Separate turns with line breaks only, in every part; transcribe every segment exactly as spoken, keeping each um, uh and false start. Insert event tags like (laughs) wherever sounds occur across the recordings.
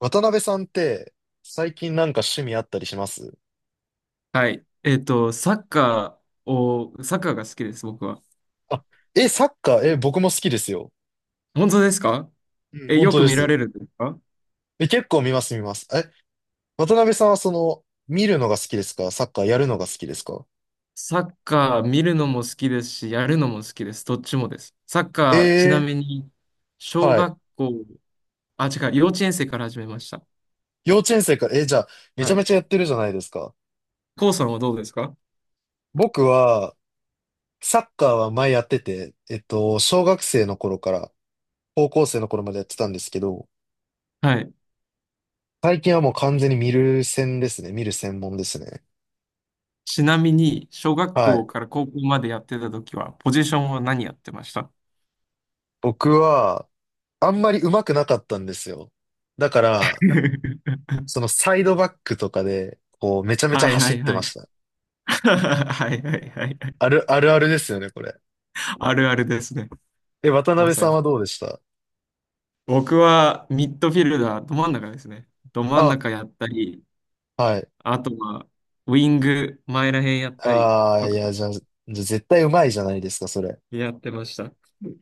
渡辺さんって、最近なんか趣味あったりします？
はい。えっと、サッカーを、サッカーが好きです、僕は。
あ、え、サッカー、え、僕も好きですよ。
本当ですか？
うん、
え、
本
よ
当
く
で
見ら
す。
れるんですか？
え、結構見ます、見ます。え、渡辺さんはその、見るのが好きですか、サッカーやるのが好きですか？
サッカー見るのも好きですし、やるのも好きです。どっちもです。サッカー、ちなみ
え
に、
ー、
小
はい。
学校、あ、違う、幼稚園生から始めました。
幼稚園生から、え、じゃあ、めち
は
ゃめ
い。
ちゃやってるじゃないですか。
コウさんはどうですか？
僕は、サッカーは前やってて、えっと、小学生の頃から、高校生の頃までやってたんですけど、
はい。
最近はもう完全に見る専ですね。見る専門ですね。
ちなみに、小学
は
校
い。
から高校までやってた時は、ポジションは何やってました？
僕は、あんまり上手くなかったんですよ。だから、
(laughs)
そのサイドバックとかで、こう、めちゃめちゃ
はい
走
は
っ
い
て
は
ま
い。
した。
(laughs) はいはいはいはい。
ある、あるあるですよね、これ。
(laughs) あるあるですね。
え、渡
ま
辺
さ
さん
に。
はどうでした？
僕はミッドフィルダー、ど真ん中ですね。ど真ん
あ、
中やったり、
はい。
あとはウィング、前らへんやったり
ああ、
と
い
か
や、じゃあ、じゃあ絶対上手いじゃないですか、それ。
やってました。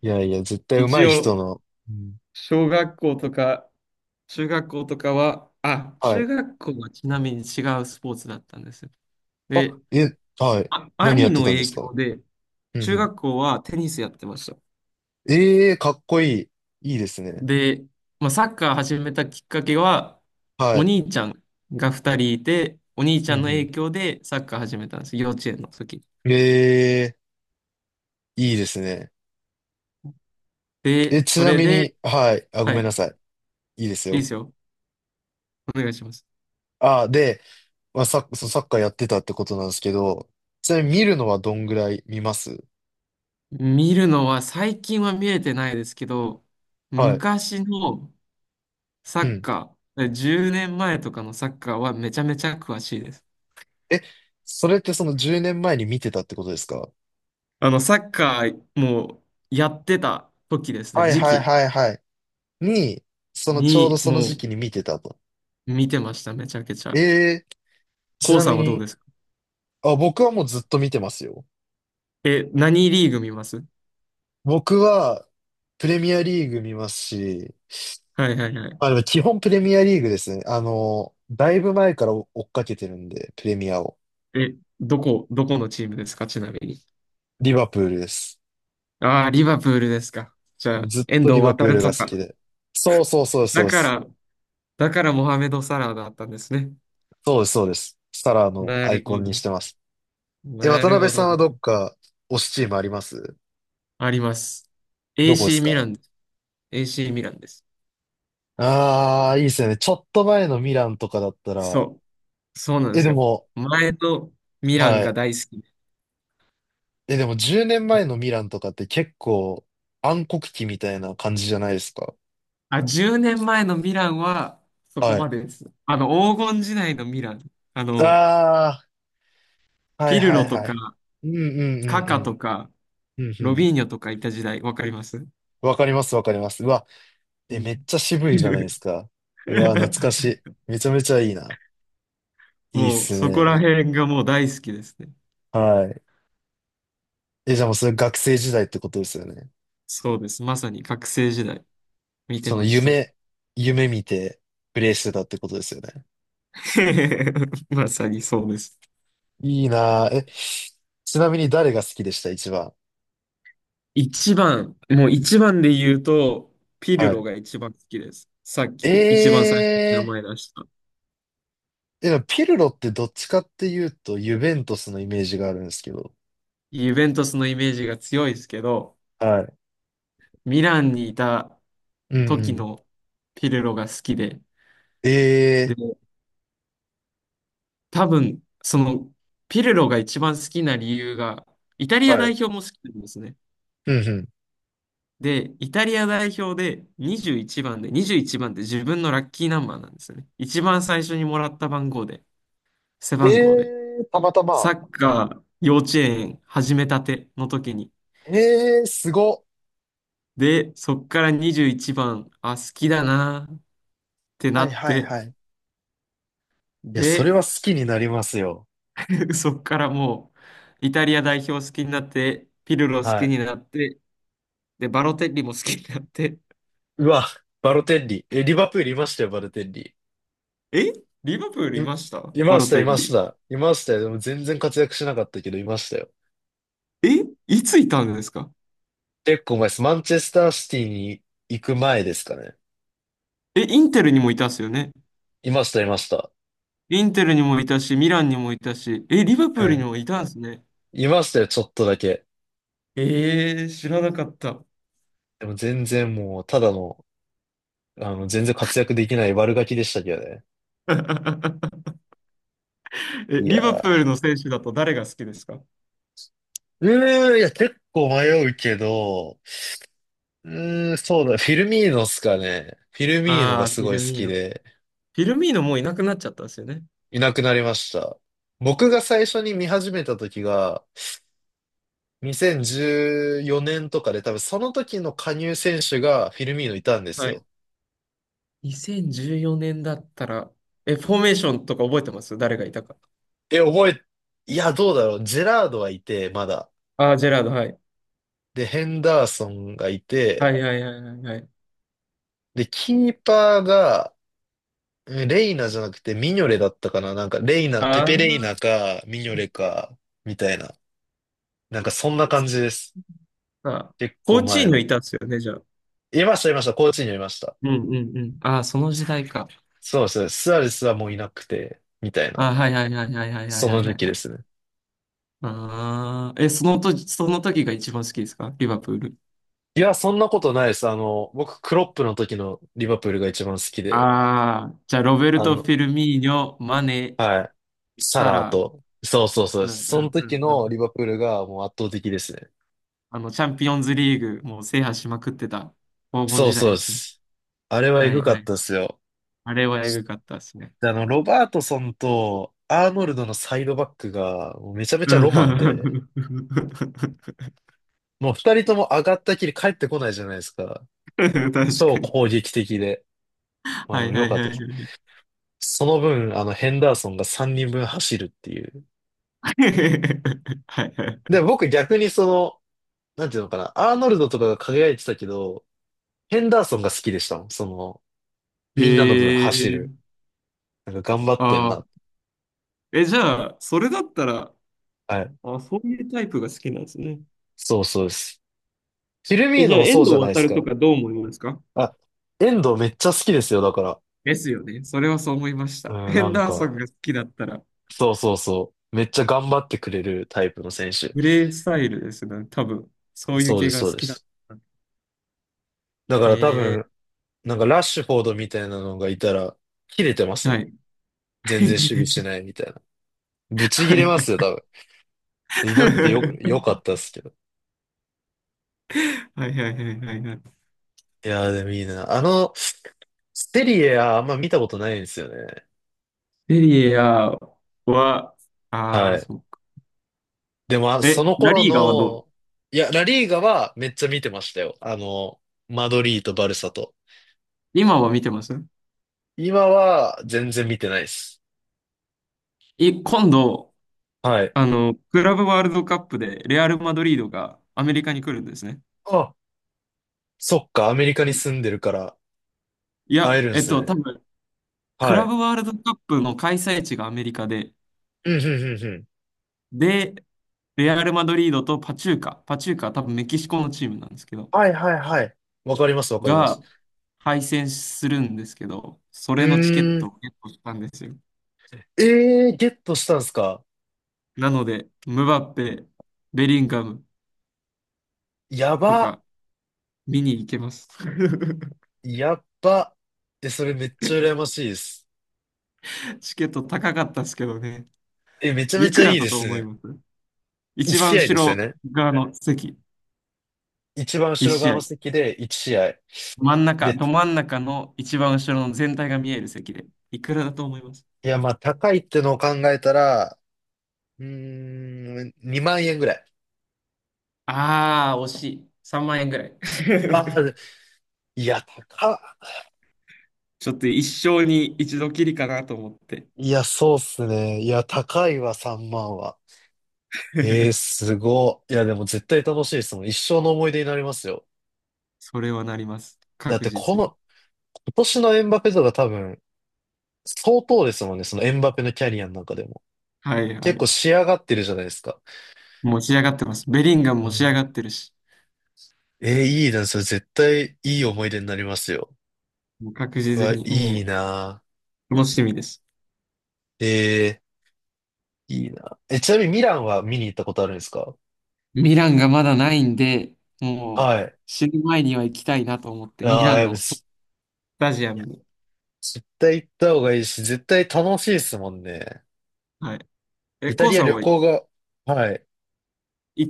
いやいや、絶対上
一
手い人
応、
の。うん、
小学校とか中学校とかは、あ、
は
中
い。
学校はちなみに違うスポーツだったんですよ。
あ、
で、
え、はい。
あ、
何や
兄
って
の
たんで
影
す
響
か？
で、
うん
中
うん。
学校はテニスやってました。
ええー、かっこいい。いいですね。
で、まあ、サッカー始めたきっかけは、
は
お
い。
兄ちゃんがふたりいて、お兄ち
う
ゃんの影
ん
響でサッカー始めたんです。幼稚園の時。
うん。ええー、いいですね。え、
で、
ち
そ
な
れ
み
で、
に、はい。あ、ご
はい、
めんな
い
さい。いいです
いで
よ。
すよ。お願いします。
ああ、で、まあ、サッ、そうサッカーやってたってことなんですけど、ちなみに見るのはどんぐらい見ます？
見るのは最近は見れてないですけど、
はい。
昔のサ
う
ッ
ん。
カー、じゅうねんまえとかのサッカーはめちゃめちゃ詳しいです。
え、それってそのじゅうねんまえに見てたってことですか？
あの、サッカーもうやってた時ですね、
はい
時
はい
期
はいはい。に、そのちょうど
に
その時
も
期に見てたと。
う見てました、めちゃくち
え
ゃ。
え、ち
コウ
な
さ
み
んはどう
に、
ですか？
あ、僕はもうずっと見てますよ。
え、何リーグ見ます？
僕は、プレミアリーグ見ますし、
はいはいはい。
まあでも基本プレミアリーグですね。あの、だいぶ前から追っかけてるんで、プレミアを。
え、どこ、どこのチームですか、ちなみに。
リバプールです。
ああ、リバプールですか。じゃ
もう
あ、
ずっ
遠
とリ
藤
バ
航
プールが
と
好き
か。
で。そうそうそうそう
だ
で
か
す。
ら、だからモハメド・サラーだったんですね。
そうです、そうです。サラーの
な
アイ
る
コ
ほ
ンにし
ど。
てます。え、
な
渡
る
辺
ほ
さん
ど。
はどっか推しチームあります？
あります。
どこです
エーシー ミラ
か？
ンです。エーシー ミランです。
ああー、いいですよね。ちょっと前のミランとかだったら、
そう。そうなんで
え、で
すよ。
も、
前のミラン
は
が
い。
大好きで。
え、でもじゅうねんまえのミランとかって結構暗黒期みたいな感じじゃないですか。
あ、じゅうねんまえのミランはそこ
は
ま
い。
でです。あの、黄金時代のミラン。あの、
ああ、はい
ピル
はい
ロと
は
か、
い。うんうんう
カ
ん
カ
う
と
ん。
か、
うんう
ロ
ん。
ビーニョとかいた時代、わかります？
わかりますわかります。うわ、
う
え、めっ
ん。
ちゃ渋いじゃないですか。うわ、懐かしい。
(laughs)
めちゃめちゃいいな。いいっ
もう、
す
そこら
ね。
辺がもう大好きですね。
はい。え、じゃあもうそれ学生時代ってことですよね。
そうです。まさに学生時代、見て
その
ました。
夢、夢見てプレイしてたってことですよね。
(laughs) まさにそうです。
いいなぁ。え、ちなみに誰が好きでした一番。
一番、もう一番で言うと、ピル
は
ロ
い。
が一番好きです。さっき一番最初に名
え
前出した。
ー、え、ピルロってどっちかっていうと、ユベントスのイメージがあるんですけど。
ユベントスのイメージが強いですけど、
はい。
ミランにいた
うんう
時
ん。
のピルロが好きで、
え
で、多分、その、ピルロが一番好きな理由が、イタ
ー、
リア
は
代
い。
表も好きなんですね。
うん
で、イタリア代表でにじゅういちばんで、にじゅういちばんって自分のラッキーナンバーなんですよね。一番最初にもらった番号で、背
うん。
番号で。
えー、たまた
サ
ま。
ッカー幼稚園始めたての時に。
えー、すごっ。
で、そっからにじゅういちばん、あ、好きだなーって
は
な
い
っ
はい
て、
はい。いや、そ
で、
れは好きになりますよ。
(laughs) そっからもう、イタリア代表好きになって、ピルロ好
は
き
い。
になって、で、バロテッリも好きになって、
うわ、バロテッリ。え、リバプールいましたよ、バロテッリ。
え、リバプール
い、
いました
い
バ
ま
ロ
した、
テ
い
ッ
まし
リ。
た。いましたよ。でも全然活躍しなかったけど、いましたよ。
え、いついたんですか？
結構前です。マンチェスターシティに行く前ですかね。
え、インテルにもいたっすよね。
いました、いました。
インテルにもいたし、ミランにもいたし、え、リバプ
う
ールに
ん。
もいたんですね。
いましたよ、ちょっとだけ。
えー、知らなかった。
でも全然もう、ただの、あの、全然活躍できない悪ガキでしたけどね。
(laughs) え、
いや
リバプ
ー。
ールの選手だと誰が好きですか？
うーん、いや、結構迷うけど、うーん、そうだ。フィルミーノっすかね。フィルミーノ
あ
が
あー、
す
フィ
ごい
ル
好
ミー
き
ノ。
で、
フィルミーノもういなくなっちゃったんですよね。
いなくなりました。僕が最初に見始めた時が、にせんじゅうよねんとかで、多分その時の加入選手がフィルミーノいたんです
はい。
よ。
にせんじゅうよねんだったら、え、フォーメーションとか覚えてます？誰がいたか。
え、覚え、いや、どうだろう。ジェラードはいて、まだ。
ああ、ジェラード、はい。
で、ヘンダーソンがい
は
て、
いはいはいはいはい。
で、キーパーが、うん、レイナじゃなくてミニョレだったかな。なんか、レイナ、
あ
ペペレイ
ー、
ナか、ミニョレか、みたいな。なんか、そんな感じです。
あ、
結
コ
構
ーチー
前
ニョい
の。
たんですよね、じゃあ。
いました、いました。高知にいました。
うんうんうん。ああ、その時代か。
そうですね。スアレスはもういなくて、みたいな。
ああ、はいはいはいはいはいはい
そ
は
の
い
時期
は
で
い。
すね。
ああ、え、その時、その時が一番好きですか、リバプール。
いや、そんなことないです。あの、僕、クロップの時のリバプールが一番好きで、
ああ、じゃあ、ロベル
あ
ト・フ
の、
ィルミーニョ、マネ、
はい。サ
サ
ラー
ラ、
と。そうそうそう
う
で
んう
す。その
んう
時
んうんう
のリ
ん。
バプールがもう圧倒的ですね。
あの、チャンピオンズリーグ、もう制覇しまくってた黄金
そう
時
そう
代
で
ですね。
す。あれはエ
は
グ
い
か
は
っ
い。
たですよ。
あれはエグかったですね。
で、あの、ロバートソンとアーノルドのサイドバックがもうめちゃめち
う
ゃロマン
ん。
で、
(laughs)
もう二人とも上がったきり帰ってこないじゃないですか。
確
そう
かに。
攻撃的で。まあ
は
でも
いは
良
い
かっ
は
たです。
い。
その分、あの、ヘンダーソンがさんにんぶん走るっていう。
(laughs) はい
で、
は
僕逆にその、なんていうのかな、アーノルドとかが輝いてたけど、ヘンダーソンが好きでしたもん。その、
い。
みんなの分
え
走る。
ー、
なんか頑張ってん
あ
な。
あ。え、じゃあ、それだったら、
はい。
あ、そういうタイプが好きなんですね。
そうそうです。フィルミ
え、
ー
じ
ノ
ゃあ、
も
遠
そう
藤
じゃない
航
ですか。
とかどう思いますか？
あ、遠藤めっちゃ好きですよ、だから。
ですよね。それはそう思いまし
う
た。
ん、
ヘ
な
ン
ん
ダーソ
か、
ンが好きだったら、
そうそうそう。めっちゃ頑張ってくれるタイプの選手。
プレイスタイルですね。多分、そういう
そうで
系
す、
が
そう
好
で
きだっ
す。
たら。
だから多分、
え
なんかラッシュフォードみたいなのがいたら、切れてます
ー、は
もん。
い。
全然守備して
(laughs)
ないみたいな。ぶち
は
切れ
い
ま
は
すよ、
い
多分。いなくてよ、よかっ
(laughs)
たっすけど。
はいはいはいはいはい。
いやー、でもいいな。あの、セリエはあんま見たことないんですよね。
セリエ A は、あ
は
あ、
い。
そうか。
でも、あ、そ
え、
の
ラ
頃
リーガはどう？
の、いや、ラリーガはめっちゃ見てましたよ。あの、マドリーとバルサと。
今は見てます？
今は全然見てないです。
い、今度、
はい。
あの、クラブワールドカップでレアル・マドリードがアメリカに来るんですね。
あ、そっか、アメリカに住んでるから
い
会
や、
えるん
えっ
す
と、多
ね。
分、ク
は
ラ
い。
ブワールドカップの開催地がアメリカで、
うん、うん、うん、うん。
で、レアル・マドリードとパチューカ、パチューカは多分メキシコのチームなんですけど、
はい、はい、はい。わかります、わかります。
が敗戦するんですけど、そ
う
れのチケッ
ー
ト
ん。
をゲットしたんですよ。
えー、ゲットしたんすか？
なので、ムバッペ、ベリンガム
や
と
ば、
か見に行けます。(laughs)
やっば。え、それめっちゃ羨ましいです。
チケット高かったですけどね。
え、めちゃめ
い
ち
く
ゃい
ら
い
だ
で
と
す
思い
ね。
ます？一
いち
番
試合
後
ですよ
ろ
ね。
側の席、
一番
一
後ろ
試
側の
合。
席でいち試合。
真ん中、
で、
ど真ん中の一番後ろの全体が見える席で。いくらだと思います？
いや、まあ、高いってのを考えたら、うーん、にまん円ぐらい。
ああー、惜しい。さんまん円ぐらい。
ああ、
(laughs)
いや、高っ。
ちょっと一生に一度きりかなと思って。
いや、そうっすね。いや、高いわ、さんまんは。えー、
(laughs)
すごい。いや、でも絶対楽しいですもん。一生の思い出になりますよ。
それはなります。
だっ
確
て、こ
実に。
の、今年のエムバペとか多分、相当ですもんね。そのエムバペのキャリアの中でも。
はいは
結構
い。
仕上がってるじゃないですか。
もう仕上がってます。ベリンガム
う
も仕上が
ん。
ってるし、
えー、いいな。それ絶対いい思い出になりますよ。
もう確
う
実
わ、
に、
いい
も
な。
う楽しみです。
えー、いいな。え、ちなみにミランは見に行ったことあるんですか？
ミランがまだないんで、もう
はい。
死ぬ前には行きたいなと思って、ミ
あ
ラ
あ、
ン
やっぱ
のそス
す
タジア
いや、
ムに。
絶対行った方がいいし、絶対楽しいですもんね。
はい、え、
イタ
コウ
リア
さ
旅
んは行
行が、はい。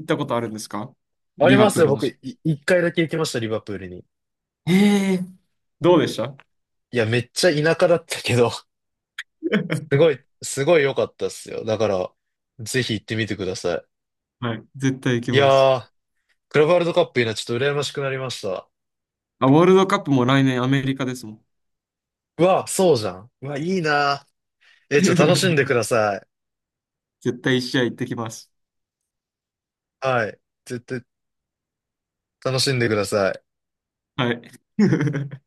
ったことあるんですか？
あり
リバ
ます
プー
よ。
ルの
僕、
し。
い一回だけ行きました、リバプールに。
ええ、どうでした？
いや、めっちゃ田舎だったけど、(laughs) す
(laughs)
ごい、すごい良かったっすよ。だから、ぜひ行ってみてくださ
はい。絶対行き
い。い
ます。
やー、クラブワールドカップいいな。ちょっと羨ましくなりました。
あ、ワールドカップも来年アメリカですもん。
うわ、そうじゃん。うわ、いいな。え、ちょっと楽しんでくだ
(laughs)
さい。
絶対一試合行ってきます。
はい。絶対楽しんでください。
はい。(laughs)